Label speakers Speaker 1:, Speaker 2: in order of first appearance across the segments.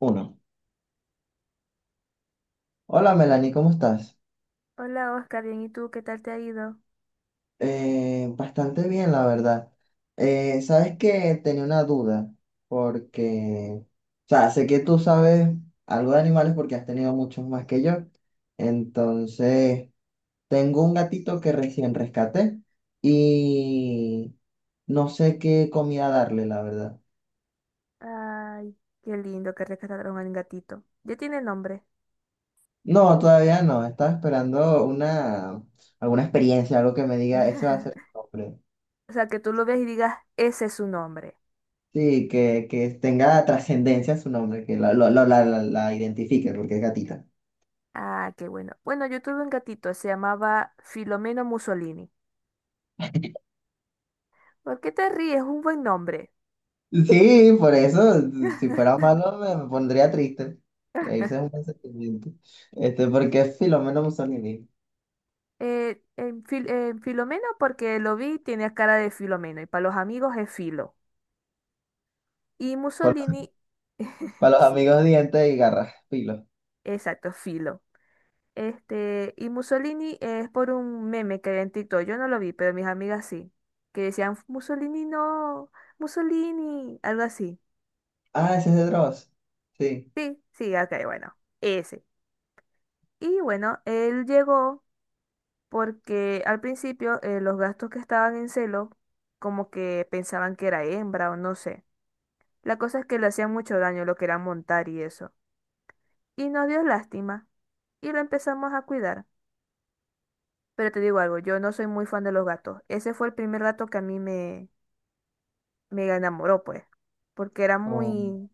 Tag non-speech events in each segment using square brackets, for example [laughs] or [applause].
Speaker 1: Uno. Hola Melanie, ¿cómo estás?
Speaker 2: Hola Oscar, bien, ¿y tú qué tal te ha ido?
Speaker 1: Bastante bien, la verdad. Sabes que tenía una duda, porque, o sea, sé que tú sabes algo de animales porque has tenido muchos más que yo. Entonces, tengo un gatito que recién rescaté y no sé qué comida darle, la verdad.
Speaker 2: Ay, qué lindo que rescataron al gatito. Ya tiene nombre.
Speaker 1: No, todavía no, estaba esperando alguna experiencia, algo que me diga, ese va
Speaker 2: [laughs]
Speaker 1: a ser tu nombre.
Speaker 2: O sea, que tú lo veas y digas, ese es su nombre.
Speaker 1: Sí, que tenga trascendencia su nombre, que la, lo- la identifique, porque es gatita.
Speaker 2: Ah, qué bueno. Bueno, yo tuve un gatito, se llamaba Filomeno Mussolini. ¿Por qué te ríes? Es un buen nombre.
Speaker 1: Sí, por eso, si fuera malo, me pondría triste. Reírse es un buen sentimiento. Porque es Filomeno Mussolini.
Speaker 2: En Filomeno porque lo vi, y tenía cara de Filomeno y para los amigos es Filo. Y
Speaker 1: Por-
Speaker 2: Mussolini,
Speaker 1: para
Speaker 2: [laughs]
Speaker 1: los
Speaker 2: sí,
Speaker 1: amigos dientes y garras, filo.
Speaker 2: exacto, Filo. Este, y Mussolini es por un meme que había en TikTok. Yo no lo vi, pero mis amigas sí. Que decían, Mussolini no, Mussolini, algo así.
Speaker 1: Ah, ese es de Dross. Sí.
Speaker 2: Sí, sí, ok, bueno, ese. Y bueno, él llegó porque al principio los gastos que estaban en celo, como que pensaban que era hembra o no sé. La cosa es que le hacían mucho daño lo que era montar y eso. Y nos dio lástima. Y lo empezamos a cuidar. Pero te digo algo, yo no soy muy fan de los gatos. Ese fue el primer gato que a mí me enamoró, pues, porque era
Speaker 1: Oh,
Speaker 2: muy,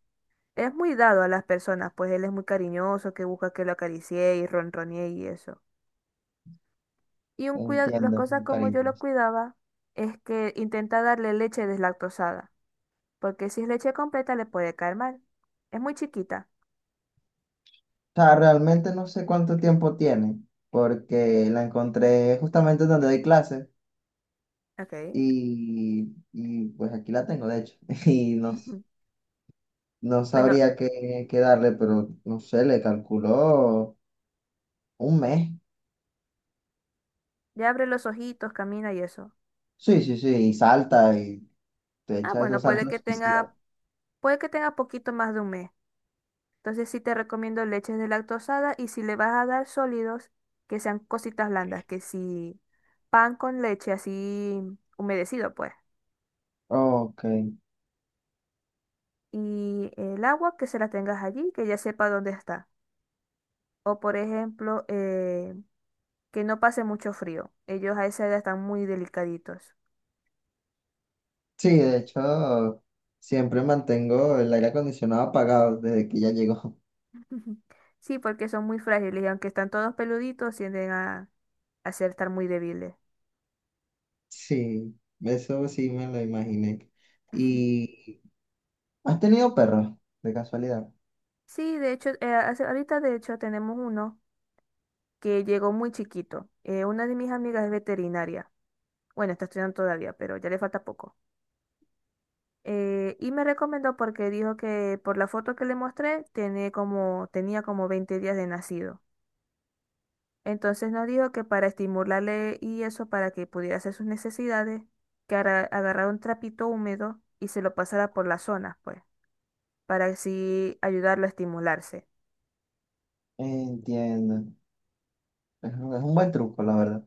Speaker 2: es muy dado a las personas, pues él es muy cariñoso, que busca que lo acaricie y ronronee y eso. Y un cuida, las
Speaker 1: entiendo,
Speaker 2: cosas como yo
Speaker 1: cariño.
Speaker 2: lo cuidaba es que intenta darle leche deslactosada, porque si es leche completa le puede caer mal. Es muy chiquita.
Speaker 1: O sea, realmente no sé cuánto tiempo tiene, porque la encontré justamente donde doy clases
Speaker 2: Okay.
Speaker 1: y pues aquí la tengo, de hecho. [laughs] Y no
Speaker 2: Ujú.
Speaker 1: No
Speaker 2: Bueno,
Speaker 1: sabría qué darle, pero no sé, le calculó un mes.
Speaker 2: ya abre los ojitos, camina y eso.
Speaker 1: Sí, sí, sí, y salta y te
Speaker 2: Ah,
Speaker 1: echa
Speaker 2: bueno,
Speaker 1: esos saltos suicidas.
Speaker 2: puede que tenga poquito más de un mes. Entonces sí te recomiendo leches deslactosada y si le vas a dar sólidos, que sean cositas blandas, que si pan con leche así humedecido pues.
Speaker 1: Ok.
Speaker 2: Y el agua que se la tengas allí, que ya sepa dónde está. O por ejemplo, que no pase mucho frío. Ellos a esa edad están muy delicaditos.
Speaker 1: Sí, de hecho, siempre mantengo el aire acondicionado apagado desde que ya llegó. [laughs]
Speaker 2: [laughs] Sí, porque son muy frágiles y aunque están todos peluditos, tienden a ser estar muy débiles.
Speaker 1: Sí, eso sí me lo imaginé.
Speaker 2: [laughs]
Speaker 1: ¿Y has tenido perros, de casualidad?
Speaker 2: Sí, de hecho, ahorita de hecho tenemos uno, que llegó muy chiquito. Una de mis amigas es veterinaria. Bueno, está estudiando todavía, pero ya le falta poco. Y me recomendó porque dijo que por la foto que le mostré tiene como, tenía como 20 días de nacido. Entonces nos dijo que para estimularle y eso, para que pudiera hacer sus necesidades, que agarrara un trapito húmedo y se lo pasara por las zonas, pues, para así ayudarlo a estimularse.
Speaker 1: Entiendo. Es un buen truco, la verdad,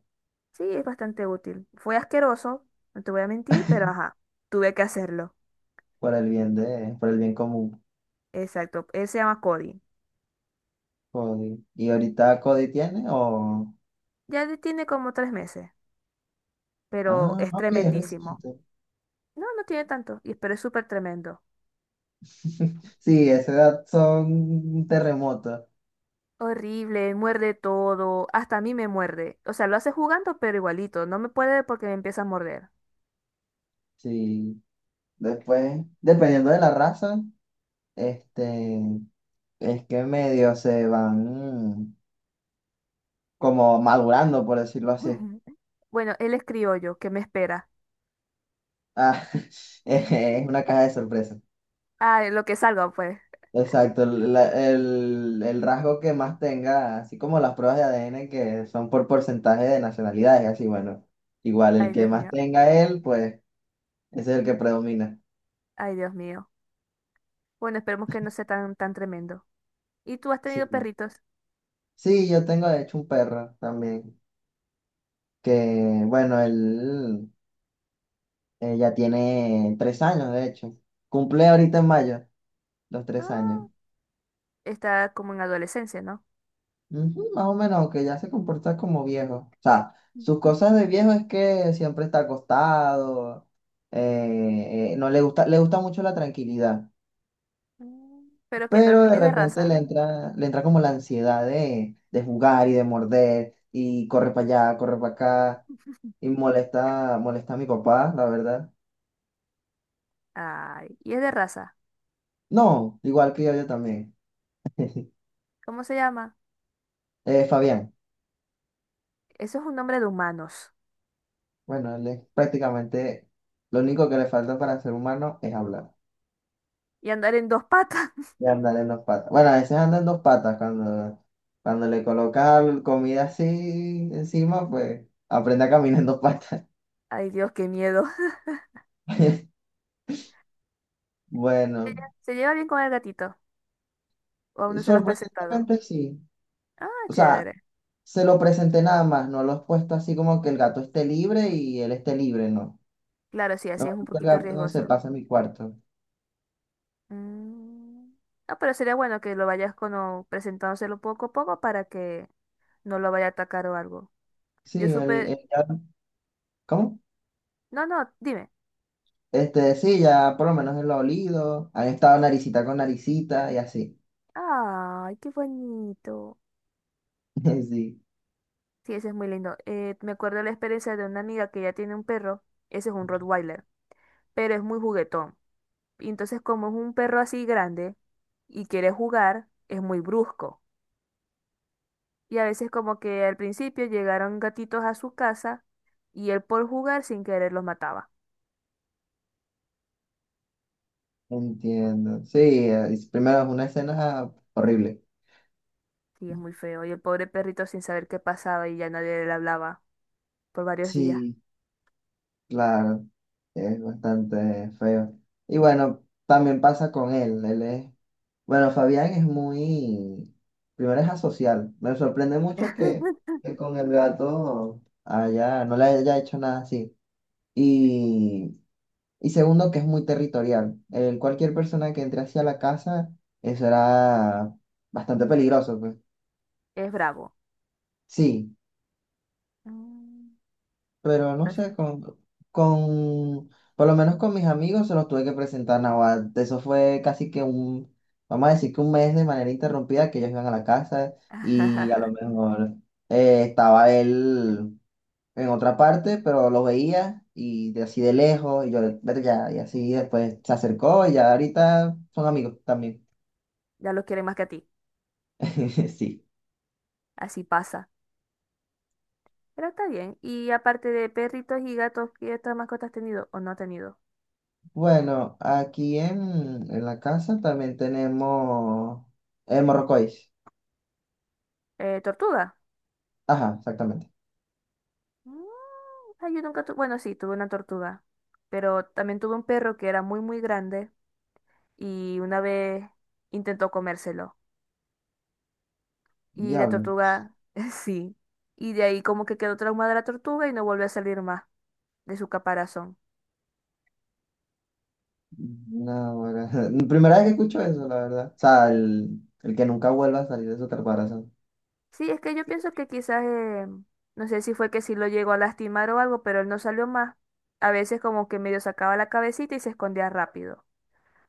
Speaker 2: Sí, es bastante útil. Fue asqueroso, no te voy a mentir, pero ajá, tuve que hacerlo.
Speaker 1: por el bien de, por el bien común.
Speaker 2: Exacto, él se llama Cody.
Speaker 1: Cody. ¿Y ahorita Cody tiene o...?
Speaker 2: Tiene como tres meses, pero
Speaker 1: Ah,
Speaker 2: es
Speaker 1: ok,
Speaker 2: tremendísimo.
Speaker 1: reciente.
Speaker 2: No, no tiene tanto, pero es súper tremendo.
Speaker 1: [laughs] Sí, a esa edad son terremotos.
Speaker 2: Horrible, muerde todo, hasta a mí me muerde. O sea, lo hace jugando, pero igualito, no me puede porque me empieza a morder.
Speaker 1: Sí. Después, dependiendo de la raza, este, es que medio se van mm, como madurando, por decirlo así.
Speaker 2: [laughs] Bueno, él es criollo, ¿qué me espera?
Speaker 1: Ah, [laughs] es
Speaker 2: [laughs]
Speaker 1: una caja de sorpresa.
Speaker 2: Ay, lo que salga, pues.
Speaker 1: Exacto, el rasgo que más tenga, así como las pruebas de ADN que son por porcentaje de nacionalidades, así bueno, igual el
Speaker 2: Ay,
Speaker 1: que
Speaker 2: Dios
Speaker 1: más
Speaker 2: mío,
Speaker 1: tenga él, pues ese es el que predomina.
Speaker 2: ay, Dios mío. Bueno, esperemos que no sea tan, tan tremendo. ¿Y tú has tenido
Speaker 1: Sí.
Speaker 2: perritos?
Speaker 1: Sí, yo tengo de hecho un perro también, que bueno, él ya tiene tres años, de hecho. Cumple ahorita en mayo los tres años.
Speaker 2: Ah, está como en adolescencia, ¿no?
Speaker 1: Ujú, más o menos, aunque ya se comporta como viejo. O sea, sus cosas de
Speaker 2: [laughs]
Speaker 1: viejo es que siempre está acostado, no le gusta, le gusta mucho la tranquilidad,
Speaker 2: Mm. Pero que
Speaker 1: pero
Speaker 2: también
Speaker 1: de
Speaker 2: es de
Speaker 1: repente le
Speaker 2: raza.
Speaker 1: entra, le entra como la ansiedad de jugar y de morder y corre para allá, corre para acá y molesta, molesta a mi papá, la verdad.
Speaker 2: Ay, y es de raza.
Speaker 1: No, igual que yo también.
Speaker 2: ¿Cómo se llama?
Speaker 1: Fabián,
Speaker 2: Eso es un nombre de humanos.
Speaker 1: bueno, él es prácticamente lo único que le falta para ser humano es hablar
Speaker 2: Y andar en dos patas. [laughs]
Speaker 1: y andar en dos patas. Bueno, a veces anda en dos patas cuando le colocas comida así encima, pues aprende a caminar en dos patas.
Speaker 2: Ay, Dios, qué miedo.
Speaker 1: [laughs]
Speaker 2: [laughs] ¿Ella
Speaker 1: Bueno,
Speaker 2: ¿Se lleva bien con el gatito? ¿O aún no se lo has presentado?
Speaker 1: sorprendentemente sí.
Speaker 2: Ah,
Speaker 1: O sea,
Speaker 2: chévere.
Speaker 1: se lo presenté nada más, no lo he puesto así como que el gato esté libre y él esté libre, no.
Speaker 2: Claro, sí, así
Speaker 1: No,
Speaker 2: es un
Speaker 1: el
Speaker 2: poquito
Speaker 1: gato no se
Speaker 2: riesgoso.
Speaker 1: pasa en mi cuarto.
Speaker 2: Mm, no, pero sería bueno que lo vayas como presentándoselo poco a poco para que no lo vaya a atacar o algo. Yo
Speaker 1: Sí, el,
Speaker 2: supe...
Speaker 1: el gato. ¿Cómo?
Speaker 2: No, no, dime.
Speaker 1: Sí, ya por lo menos él lo ha olido, han estado naricita con naricita y así.
Speaker 2: Ay, qué bonito.
Speaker 1: [laughs] Sí,
Speaker 2: Sí, ese es muy lindo. Me acuerdo de la experiencia de una amiga que ya tiene un perro. Ese es un Rottweiler, pero es muy juguetón. Y entonces como es un perro así grande y quiere jugar, es muy brusco. Y a veces como que al principio llegaron gatitos a su casa y él por jugar sin querer los mataba.
Speaker 1: entiendo. Sí, primero es una escena horrible.
Speaker 2: Sí, es muy feo. Y el pobre perrito sin saber qué pasaba y ya nadie le hablaba por varios días.
Speaker 1: Sí, claro, es bastante feo. Y bueno, también pasa con él, él es, bueno, Fabián es muy, primero es asocial. Me sorprende mucho que con el gato no le haya hecho nada así. Y Y segundo, que es muy territorial. Cualquier persona que entre hacia la casa, eso era bastante peligroso, pues.
Speaker 2: Es bravo.
Speaker 1: Sí,
Speaker 2: Mm.
Speaker 1: pero no
Speaker 2: As-
Speaker 1: sé, con, por lo menos con mis amigos se los tuve que presentar nada. Eso fue casi que vamos a decir que un mes de manera interrumpida que ellos iban a la casa y a lo mejor estaba él en otra parte, pero lo veía y de así de lejos y yo, "Vete ya, y así después se acercó y ya ahorita son amigos también.
Speaker 2: Ya lo quiere más que a ti.
Speaker 1: [laughs] Sí.
Speaker 2: Así pasa. Pero está bien. Y aparte de perritos y gatos, ¿qué otras mascotas has tenido o no has tenido?
Speaker 1: Bueno, aquí en la casa también tenemos el morrocois.
Speaker 2: Tortuga.
Speaker 1: Ajá, exactamente.
Speaker 2: Mm. Ay, yo nunca tuve, bueno, sí, tuve una tortuga, pero también tuve un perro que era muy, muy grande y una vez intentó comérselo. Y la
Speaker 1: Diablo.
Speaker 2: tortuga, [laughs] sí. Y de ahí como que quedó traumada la tortuga y no volvió a salir más de su caparazón.
Speaker 1: No, ahora- [laughs] primera vez que escucho eso, la verdad. O sea, el que nunca vuelva a salir de su caparazón.
Speaker 2: Sí, es que yo pienso que quizás, no sé si fue que sí lo llegó a lastimar o algo, pero él no salió más. A veces como que medio sacaba la cabecita y se escondía rápido.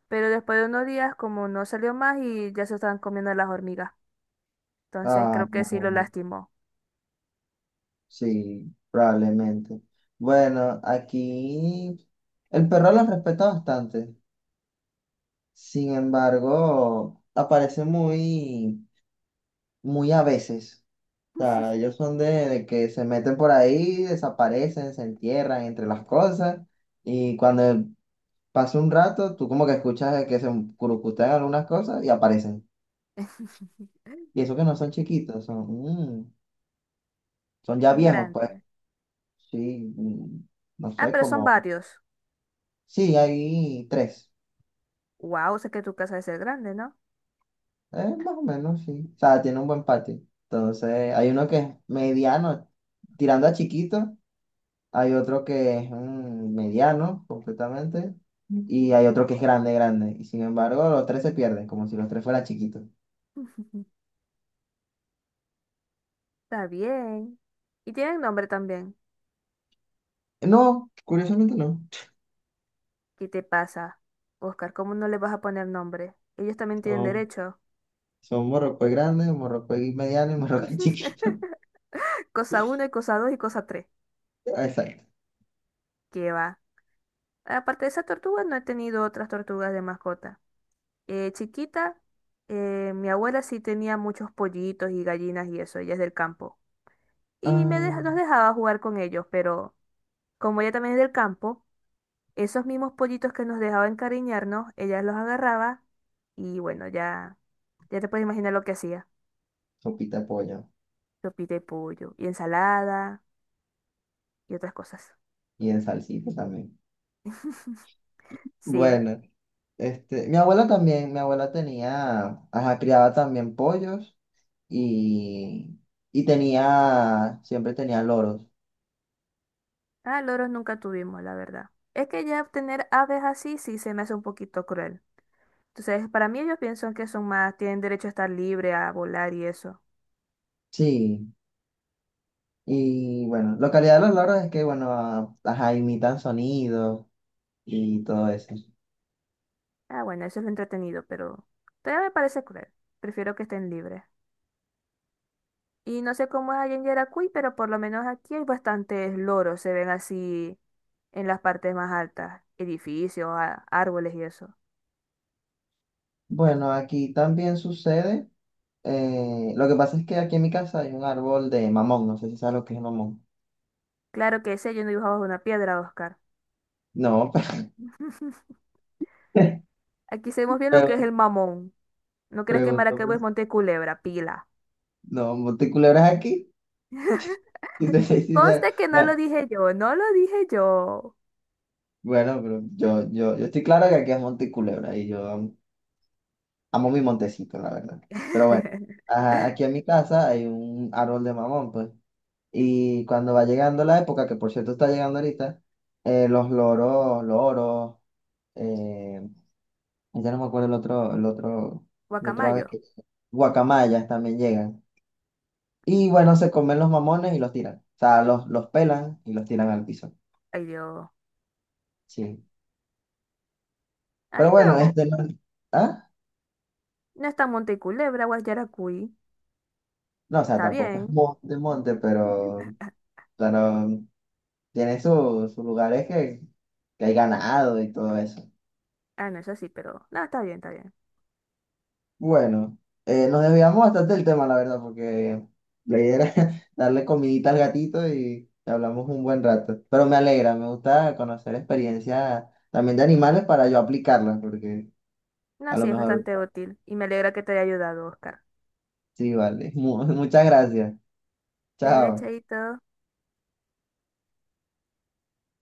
Speaker 2: Pero después de unos días como no salió más y ya se estaban comiendo las hormigas. Entonces
Speaker 1: Ah,
Speaker 2: creo que sí lo
Speaker 1: no,
Speaker 2: lastimó.
Speaker 1: sí, probablemente. Bueno, aquí el perro lo respeta bastante. Sin embargo, aparece muy, muy a veces. O sea, ellos son de que se meten por ahí, desaparecen, se entierran entre las cosas y cuando pasa un rato, tú como que escuchas de que se curucutean algunas cosas y aparecen.
Speaker 2: [laughs]
Speaker 1: Y eso que no son chiquitos, mm, son ya
Speaker 2: Son
Speaker 1: viejos, pues.
Speaker 2: grandes.
Speaker 1: Sí, no
Speaker 2: Ah,
Speaker 1: sé,
Speaker 2: pero son
Speaker 1: como...
Speaker 2: varios.
Speaker 1: Sí, hay tres.
Speaker 2: Wow, sé que tu casa debe ser grande, ¿no?
Speaker 1: Más o menos, sí. O sea, tiene un buen patio. Entonces, hay uno que es mediano, tirando a chiquito. Hay otro que es mediano completamente. Y hay otro que es grande, grande. Y sin embargo, los tres se pierden, como si los tres fueran chiquitos.
Speaker 2: [laughs] Está bien. Y tienen nombre también.
Speaker 1: No, curiosamente no.
Speaker 2: ¿Qué te pasa, Oscar? ¿Cómo no le vas a poner nombre? Ellos también tienen
Speaker 1: Son,
Speaker 2: derecho.
Speaker 1: son morrocoy grande, morrocoy mediano y morrocoy [laughs] chiquito.
Speaker 2: [laughs] Cosa uno y cosa 2 y cosa tres.
Speaker 1: Exacto.
Speaker 2: ¿Qué va? Aparte de esa tortuga, no he tenido otras tortugas de mascota. Chiquita, mi abuela sí tenía muchos pollitos y gallinas y eso, ella es del campo. Nos
Speaker 1: Ah,
Speaker 2: dejaba jugar con ellos, pero como ella también es del campo, esos mismos pollitos que nos dejaba encariñarnos, ella los agarraba y bueno, ya, ya te puedes imaginar lo que hacía.
Speaker 1: sopita de pollo.
Speaker 2: Sopi de pollo y ensalada y otras cosas.
Speaker 1: Y en salsita también.
Speaker 2: [laughs] Sí.
Speaker 1: Bueno, mi abuela también, mi abuela tenía, ajá, criaba también pollos y, y siempre tenía loros.
Speaker 2: Ah, loros nunca tuvimos, la verdad. Es que ya tener aves así sí se me hace un poquito cruel. Entonces, para mí ellos piensan que son más, tienen derecho a estar libre, a volar y eso.
Speaker 1: Sí, y bueno, la calidad de los logros es que, bueno, las imitan sonidos y todo eso.
Speaker 2: Ah, bueno, eso es lo entretenido, pero todavía me parece cruel. Prefiero que estén libres. Y no sé cómo es allá en Yaracuy, pero por lo menos aquí hay bastantes loros, se ven así en las partes más altas, edificios, árboles y eso.
Speaker 1: Bueno, aquí también sucede. Lo que pasa es que aquí en mi casa hay un árbol de mamón. No sé si sabes lo que es el mamón.
Speaker 2: Claro que ese yo no dibujaba una piedra, Oscar.
Speaker 1: No,
Speaker 2: [laughs]
Speaker 1: [laughs]
Speaker 2: Aquí sabemos bien lo que es
Speaker 1: pero
Speaker 2: el mamón. ¿No crees que
Speaker 1: pregunto,
Speaker 2: Maracaibo es
Speaker 1: pues,
Speaker 2: Monte Culebra, pila?
Speaker 1: no, ¿Monticulebra es aquí? Y te [laughs] soy sincero,
Speaker 2: Conste que no lo
Speaker 1: bueno,
Speaker 2: dije yo, no lo dije yo.
Speaker 1: bueno, pero yo estoy claro que aquí es Monticulebra y yo amo mi montecito, la verdad. Pero bueno,
Speaker 2: [laughs]
Speaker 1: ajá, aquí en mi casa hay un árbol de mamón, pues. Y cuando va llegando la época, que por cierto está llegando ahorita, los loros, eh, ya no me acuerdo el otro, el otro ave
Speaker 2: Guacamayo.
Speaker 1: que guacamayas también llegan. Y bueno, se comen los mamones y los tiran. O sea, los pelan y los tiran al piso.
Speaker 2: Ay, Dios.
Speaker 1: Sí. Pero
Speaker 2: Ay,
Speaker 1: bueno,
Speaker 2: pero
Speaker 1: este no. ¿Ah?
Speaker 2: no está Monte Culebra, Guayaracuy.
Speaker 1: No, o sea,
Speaker 2: Está
Speaker 1: tampoco es
Speaker 2: bien.
Speaker 1: monte, monte, pero,
Speaker 2: [laughs]
Speaker 1: pero tiene sus lugares que hay ganado y todo eso.
Speaker 2: Ah, no, eso sí, pero no, está bien, está bien.
Speaker 1: Bueno, nos desviamos bastante del tema, la verdad, porque la idea era [laughs] darle comidita al gatito y hablamos un buen rato. Pero me alegra, me gusta conocer experiencias también de animales para yo aplicarlas, porque
Speaker 2: No,
Speaker 1: a lo
Speaker 2: sí, es
Speaker 1: mejor
Speaker 2: bastante útil y me alegra que te haya ayudado, Oscar.
Speaker 1: sí, vale. [laughs] Muchas gracias.
Speaker 2: Dale,
Speaker 1: Chao.
Speaker 2: chaito.